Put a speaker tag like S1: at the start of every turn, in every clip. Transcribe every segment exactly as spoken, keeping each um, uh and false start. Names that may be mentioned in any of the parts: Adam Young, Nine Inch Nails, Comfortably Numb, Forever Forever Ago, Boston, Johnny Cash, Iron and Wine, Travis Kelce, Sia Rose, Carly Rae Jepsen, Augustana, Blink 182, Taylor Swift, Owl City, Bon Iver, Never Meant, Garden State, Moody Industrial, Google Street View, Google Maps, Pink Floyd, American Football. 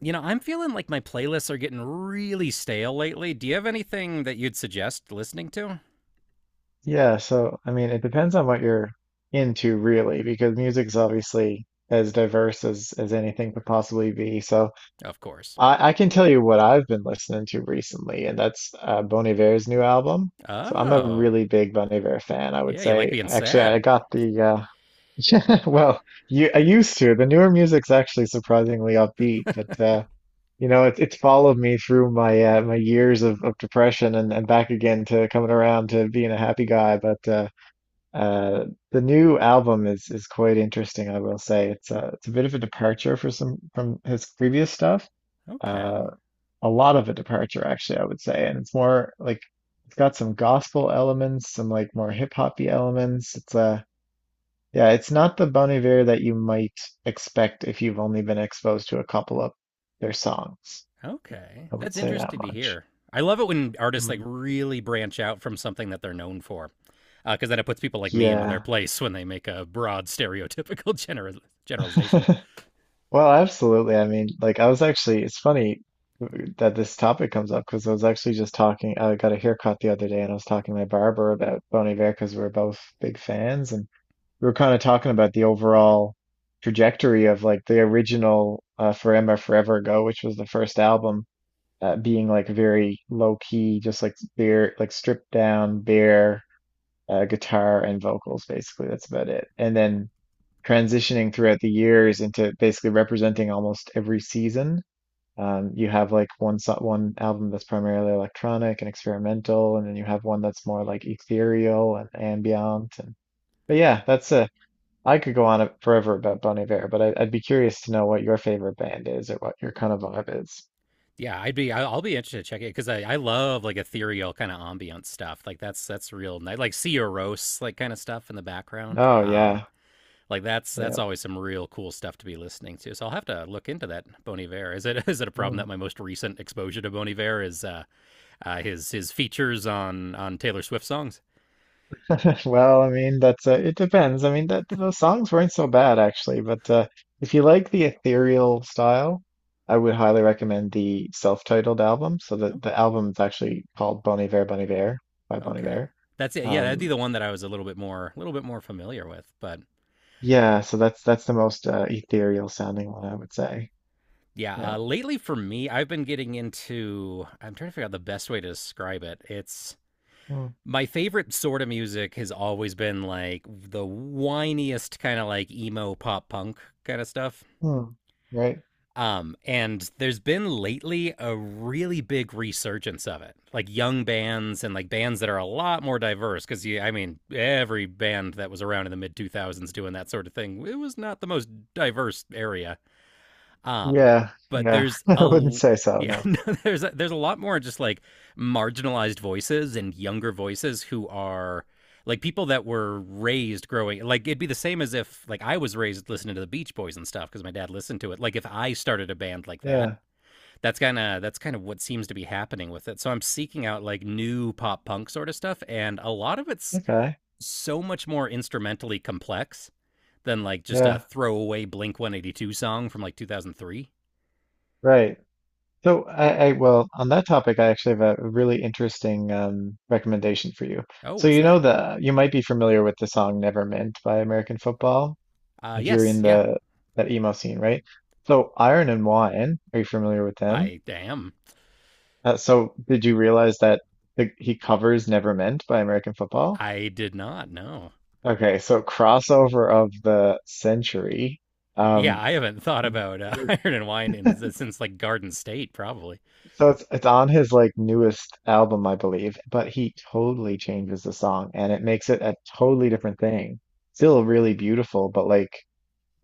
S1: You know, I'm feeling like my playlists are getting really stale lately. Do you have anything that you'd suggest listening to?
S2: Yeah, so I mean, it depends on what you're into really, because music's obviously as diverse as as anything could possibly be. So
S1: Of course.
S2: I I can tell you what I've been listening to recently, and that's uh, Bon Iver's new album. So I'm a
S1: Oh,
S2: really big Bon Iver fan. I would
S1: yeah, you like
S2: say
S1: being
S2: actually I
S1: sad.
S2: got the uh yeah, well, you I used to. The newer music's actually surprisingly upbeat, but uh you know, it's it's followed me through my uh, my years of, of depression and, and back again to coming around to being a happy guy. But uh, uh, the new album is is quite interesting, I will say. It's a it's a bit of a departure for some from his previous stuff.
S1: Okay,
S2: Uh, a lot of a departure, actually, I would say. And it's more like it's got some gospel elements, some like more hip hoppy elements. It's uh Yeah, it's not the Bon Iver that you might expect if you've only been exposed to a couple of their songs.
S1: okay.
S2: I would
S1: That's
S2: say that
S1: interesting to
S2: much.
S1: hear. I love it when artists like
S2: Mm.
S1: really branch out from something that they're known for, because uh, then it puts people like me in their
S2: Yeah.
S1: place when they make a broad stereotypical general generalization.
S2: Well, absolutely. I mean, like I was actually, it's funny that this topic comes up because I was actually just talking, I got a haircut the other day and I was talking to my barber about Bon Iver because we're both big fans, and we were kind of talking about the overall trajectory of like the original uh, Forever Forever Ago, which was the first album, uh, being like very low key, just like bare, like stripped down, bare uh, guitar and vocals, basically. That's about it. And then transitioning throughout the years into basically representing almost every season. Um, you have like one so one album that's primarily electronic and experimental, and then you have one that's more like ethereal and ambient. And but yeah, that's a I could go on forever about Bon Iver, but I, I'd be curious to know what your favorite band is or what your kind of vibe is.
S1: Yeah, I'd be, I- I'll be interested to check it because I, I love like ethereal kind of ambient stuff. Like that's that's real nice, like Sia Rose, like kind of stuff in the background.
S2: Oh
S1: Um,
S2: yeah,
S1: Like that's that's
S2: yeah.
S1: always some real cool stuff to be listening to. So I'll have to look into that Bon Iver. Is it is it a problem
S2: Hmm.
S1: that my most recent exposure to Bon Iver is uh, uh, his his features on on Taylor Swift songs?
S2: Well, I mean, that's uh, it depends. I mean, that those songs weren't so bad actually, but uh, if you like the ethereal style, I would highly recommend the self-titled album. So the
S1: Oh,
S2: the album's actually called Bon Iver, Bon Iver by Bon
S1: okay,
S2: Iver.
S1: that's it. Yeah, that'd be
S2: Um,
S1: the one that I was a little bit more a little bit more familiar with. But
S2: yeah, so that's that's the most uh, ethereal sounding one, I would say.
S1: yeah,
S2: Yeah.
S1: uh, lately for me, I've been getting into. I'm trying to figure out the best way to describe it. It's
S2: Mm,
S1: My favorite sort of music has always been like the whiniest kind of like emo pop punk kind of stuff.
S2: mm, right.
S1: Um, and there's been lately a really big resurgence of it, like young bands and like bands that are a lot more diverse. Because I mean, every band that was around in the mid two thousands doing that sort of thing, it was not the most diverse area. Um,
S2: Yeah.
S1: but
S2: Yeah.
S1: there's
S2: I
S1: a
S2: wouldn't say so.
S1: Yeah,
S2: No.
S1: no, there's a, there's a lot more just like marginalized voices and younger voices who are like people that were raised growing like it'd be the same as if like I was raised listening to the Beach Boys and stuff because my dad listened to it. Like if I started a band like that,
S2: Yeah.
S1: that's kind of that's kind of what seems to be happening with it. So I'm seeking out like new pop punk sort of stuff and a lot of it's
S2: Okay.
S1: so much more instrumentally complex than like just a
S2: Yeah.
S1: throwaway Blink one eighty-two song from like two thousand three.
S2: Right. So I, I well, on that topic I actually have a really interesting um, recommendation for you.
S1: Oh,
S2: So
S1: what's
S2: you
S1: that?
S2: know the you might be familiar with the song "Never Meant" by American Football
S1: Uh,
S2: if you're
S1: yes,
S2: in
S1: yeah,
S2: the that emo scene, right? So Iron and Wine, are you familiar with them?
S1: I am.
S2: Uh, so did you realize that the, he covers "Never Meant" by American Football?
S1: I did not know.
S2: Okay, so crossover of the century.
S1: Yeah,
S2: Um,
S1: I haven't thought about uh, Iron and Wine in, since like Garden State, probably.
S2: So it's it's on his like newest album, I believe, but he totally changes the song and it makes it a totally different thing. Still really beautiful, but like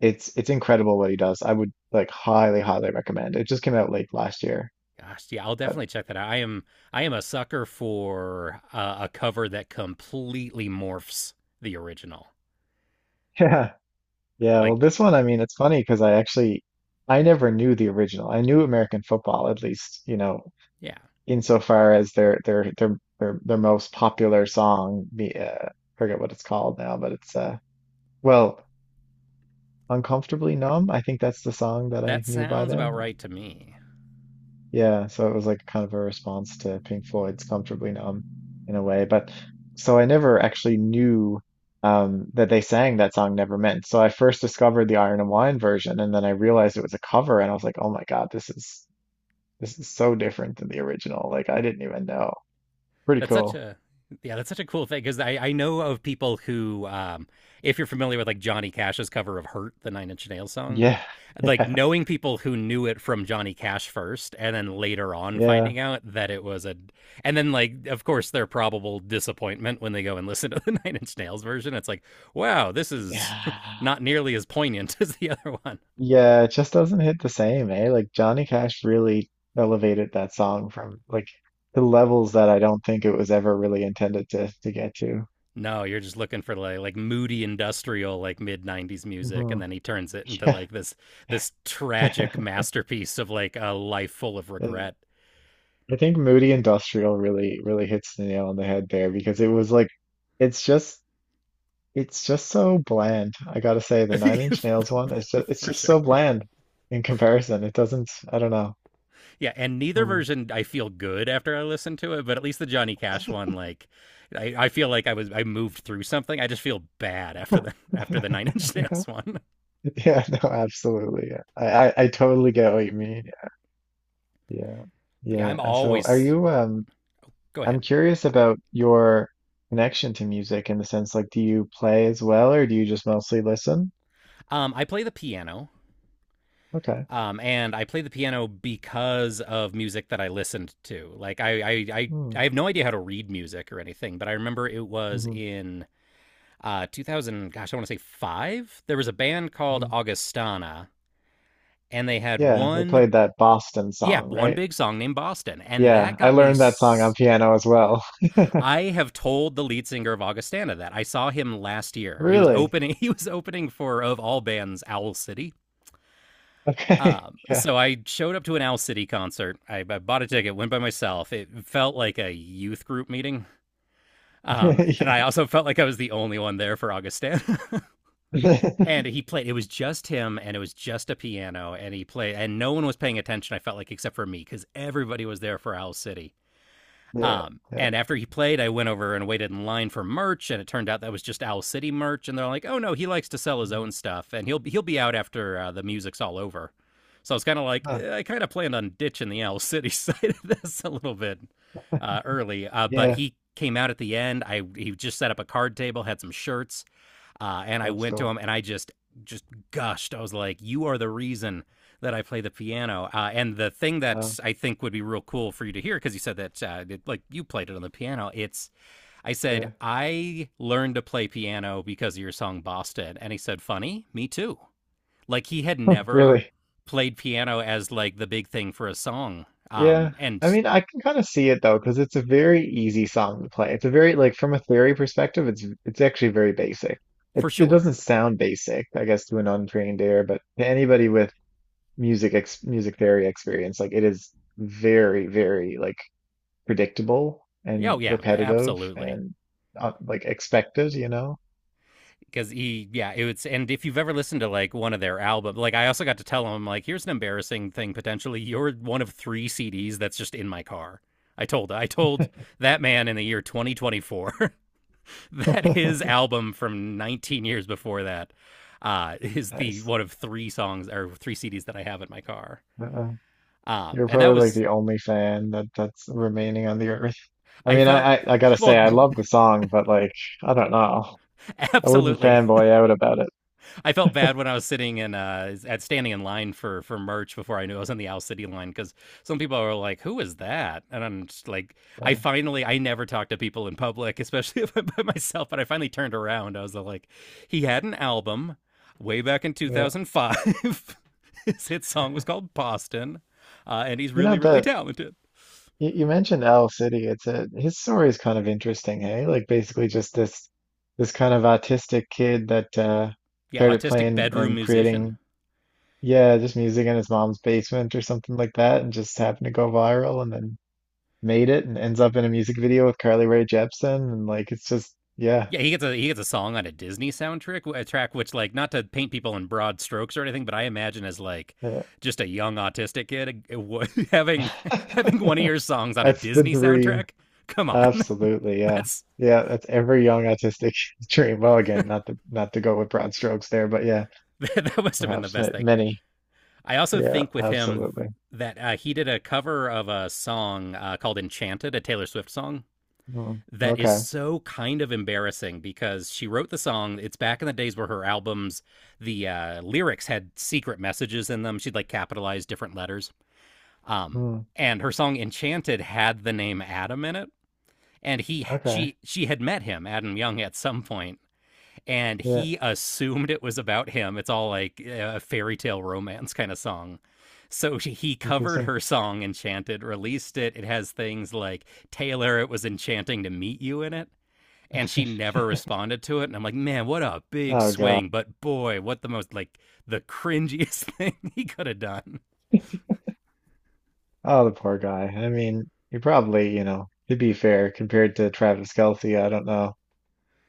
S2: it's it's incredible what he does. I would like highly, highly recommend. It just came out late last year.
S1: Gosh, yeah, I'll
S2: But
S1: definitely check that out. I am, I am a sucker for uh, a cover that completely morphs the original.
S2: yeah. Yeah,
S1: Like,
S2: well this one, I mean, it's funny because I actually I never knew the original. I knew American football, at least, you know,
S1: yeah,
S2: insofar as their their their their, their most popular song, the uh, forget what it's called now, but it's uh well "Uncomfortably Numb." I think that's the song that I
S1: that
S2: knew by
S1: sounds about
S2: them.
S1: right to me.
S2: Yeah, so it was like kind of a response to Pink Floyd's "Comfortably Numb" in a way. But so I never actually knew um, that they sang that song "Never Meant." So I first discovered the Iron and Wine version, and then I realized it was a cover, and I was like, oh my God, this is this is so different than the original. Like I didn't even know. Pretty
S1: That's such
S2: cool.
S1: a Yeah, that's such a cool thing because I, I know of people who, um, if you're familiar with like Johnny Cash's cover of "Hurt," the Nine Inch Nails song,
S2: Yeah,
S1: like
S2: yeah,
S1: knowing people who knew it from Johnny Cash first, and then later on
S2: yeah,
S1: finding out that it was a, and then like of course their probable disappointment when they go and listen to the Nine Inch Nails version. It's like, wow, this is
S2: yeah.
S1: not nearly as poignant as the other one.
S2: Yeah, it just doesn't hit the same, eh? Like Johnny Cash really elevated that song from like the levels that I don't think it was ever really intended to to get to.
S1: No, you're just looking for like like moody industrial like mid nineties music, and
S2: Hmm.
S1: then he turns it into
S2: Yeah.
S1: like this this tragic masterpiece of like a life full of
S2: Uh,
S1: regret.
S2: I think Moody Industrial really really hits the nail on the head there because it was like it's just it's just so bland. I gotta say the Nine Inch Nails one is just it's
S1: For
S2: just so
S1: sure.
S2: bland in comparison. It doesn't I don't know.
S1: Yeah, and neither
S2: Hmm.
S1: version I feel good after I listen to it, but at least the Johnny Cash one, like I, I feel like I was I moved through something. I just feel bad after the after the Nine Inch Nails one.
S2: Yeah, no, absolutely. I, I I totally get what you mean. Yeah.
S1: But yeah,
S2: Yeah.
S1: I'm
S2: And so are
S1: always
S2: you um
S1: go
S2: I'm
S1: ahead.
S2: curious about your connection to music in the sense like do you play as well or do you just mostly listen?
S1: Um, I play the piano.
S2: Okay.
S1: Um, and I play the piano because of music that I listened to. Like I, I, I,
S2: Hmm.
S1: I have no idea how to read music or anything, but I remember it was
S2: Mm-hmm.
S1: in uh, two thousand. Gosh, I want to say five. There was a band called
S2: Mm.
S1: Augustana, and they had
S2: Yeah, they played
S1: one,
S2: that Boston
S1: yeah,
S2: song,
S1: one
S2: right?
S1: big song named Boston, and
S2: Yeah,
S1: that
S2: I
S1: got me.
S2: learned that song on
S1: s-
S2: piano as well.
S1: I have told the lead singer of Augustana that I saw him last year. He was
S2: Really?
S1: opening. He was opening for of all bands, Owl City.
S2: Okay.
S1: Um,
S2: Yeah.
S1: so I showed up to an Owl City concert. I, I bought a ticket, went by myself. It felt like a youth group meeting. Um, and I also felt like I was the only one there for Augustin.
S2: Yeah.
S1: And he played, it was just him and it was just a piano. And he played, and no one was paying attention, I felt like, except for me, because everybody was there for Owl City.
S2: Yeah.
S1: Um,
S2: Yeah.
S1: and after he played, I went over and waited in line for merch, and it turned out that was just Owl City merch. And they're like, "Oh no, he likes to sell his
S2: Mm.
S1: own stuff, and he'll he'll be out after uh, the music's all over." So I was kind of like,
S2: Huh.
S1: eh, I kind of planned on ditching the Owl City side of this a little bit uh, early, uh, but
S2: Yeah.
S1: he came out at the end. I He just set up a card table, had some shirts, uh, and I
S2: That's
S1: went to
S2: cool.
S1: him and I just just gushed. I was like, "You are the reason that I play the piano." Uh, and the thing
S2: Wow.
S1: that I think would be real cool for you to hear, because you said that uh, it, like you played it on the piano. It's I said
S2: Yeah.
S1: I learned to play piano because of your song Boston, and he said, "Funny, me too." Like he had never
S2: Really.
S1: played piano as like the big thing for a song.
S2: Yeah,
S1: Um, and
S2: I mean, I can kind of see it though, because it's a very easy song to play. It's a very like from a theory perspective, it's it's actually very basic.
S1: for
S2: It it
S1: sure,
S2: doesn't sound basic, I guess, to an untrained ear, but to anybody with music ex music theory experience, like it is very, very like predictable
S1: yeah, oh,
S2: and
S1: yeah,
S2: repetitive
S1: absolutely.
S2: and uh, like expected, you know?
S1: Because he, yeah, it was. And if you've ever listened to like one of their albums, like I also got to tell him, like, here's an embarrassing thing. Potentially you're one of three C Ds that's just in my car. I told i told that man in the year twenty twenty-four that his album from nineteen years before that uh is the
S2: Nice.
S1: one of three songs or three C Ds that I have in my car.
S2: Uh,
S1: Um
S2: you're
S1: and that
S2: probably like
S1: was,
S2: the only fan that that's remaining on the earth. I
S1: I
S2: mean,
S1: felt,
S2: I, I I gotta say,
S1: well,
S2: I love the song, but like, I don't know. I wouldn't
S1: absolutely.
S2: fanboy out about it.
S1: I felt bad when I was sitting in uh at standing in line for for merch before I knew I was on the Owl City line because some people are like, "Who is that?" And I'm just like, I
S2: Yeah,
S1: finally I never talk to people in public, especially if I'm by myself. But I finally turned around. I was like, he had an album way back in
S2: yeah.
S1: two thousand five. His hit song was called Boston, uh, and he's
S2: You know
S1: really really
S2: that
S1: talented.
S2: you, you mentioned Owl City. It's a His story is kind of interesting, hey? Like basically just this this kind of autistic kid that uh
S1: Yeah,
S2: started
S1: autistic
S2: playing
S1: bedroom
S2: and
S1: musician.
S2: creating, yeah, just music in his mom's basement or something like that, and just happened to go viral and then made it and ends up in a music video with Carly Rae Jepsen, and like it's just yeah.
S1: Yeah, he gets a he gets a song on a Disney soundtrack, a track which like not to paint people in broad strokes or anything, but I imagine as like
S2: Yeah.
S1: just a young autistic kid having having one of your songs on a
S2: That's the
S1: Disney
S2: dream.
S1: soundtrack. Come on,
S2: Absolutely, yeah.
S1: that's
S2: Yeah, that's every young autistic dream. Well, again, not to not to go with broad strokes there, but yeah,
S1: that must have been the
S2: perhaps ma-
S1: best thing.
S2: many.
S1: I also
S2: Yeah,
S1: think with him
S2: absolutely.
S1: that uh, he did a cover of a song uh, called "Enchanted," a Taylor Swift song,
S2: Mm,
S1: that is
S2: okay.
S1: so kind of embarrassing because she wrote the song. It's back in the days where her albums, the uh, lyrics had secret messages in them. She'd like capitalize different letters. Um,
S2: Mm,
S1: and her song Enchanted had the name Adam in it. And he,
S2: okay.
S1: she, she had met him, Adam Young, at some point, and
S2: Yeah,
S1: he assumed it was about him. It's all like a fairy tale romance kind of song. So she- he covered
S2: interesting.
S1: her song Enchanted, released it. It has things like Taylor, it was enchanting to meet you in it. And she never responded to it. And I'm like, man, what a big
S2: Oh God.
S1: swing. But boy, what the most like the cringiest thing he could have done.
S2: Oh, the poor guy. I mean, he probably, you know, to be fair, compared to Travis Kelce, I don't know.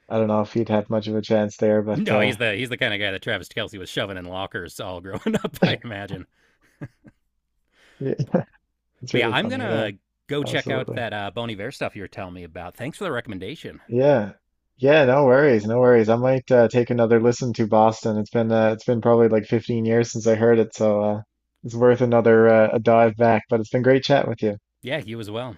S2: I don't know if he'd have much of a chance there, but
S1: No,
S2: uh
S1: he's the he's the kind of guy that Travis Kelsey was shoving in lockers all growing up, I imagine.
S2: yeah, it's
S1: But yeah,
S2: really
S1: I'm
S2: funny. Yeah,
S1: gonna go check out
S2: absolutely.
S1: that uh, Bon Iver stuff you were telling me about. Thanks for the recommendation.
S2: Yeah. Yeah, no worries, no worries. I might uh, take another listen to Boston. It's been uh, it's been probably like fifteen years since I heard it, so uh, it's worth another uh, a dive back. But it's been great chatting with you.
S1: Yeah, you as well.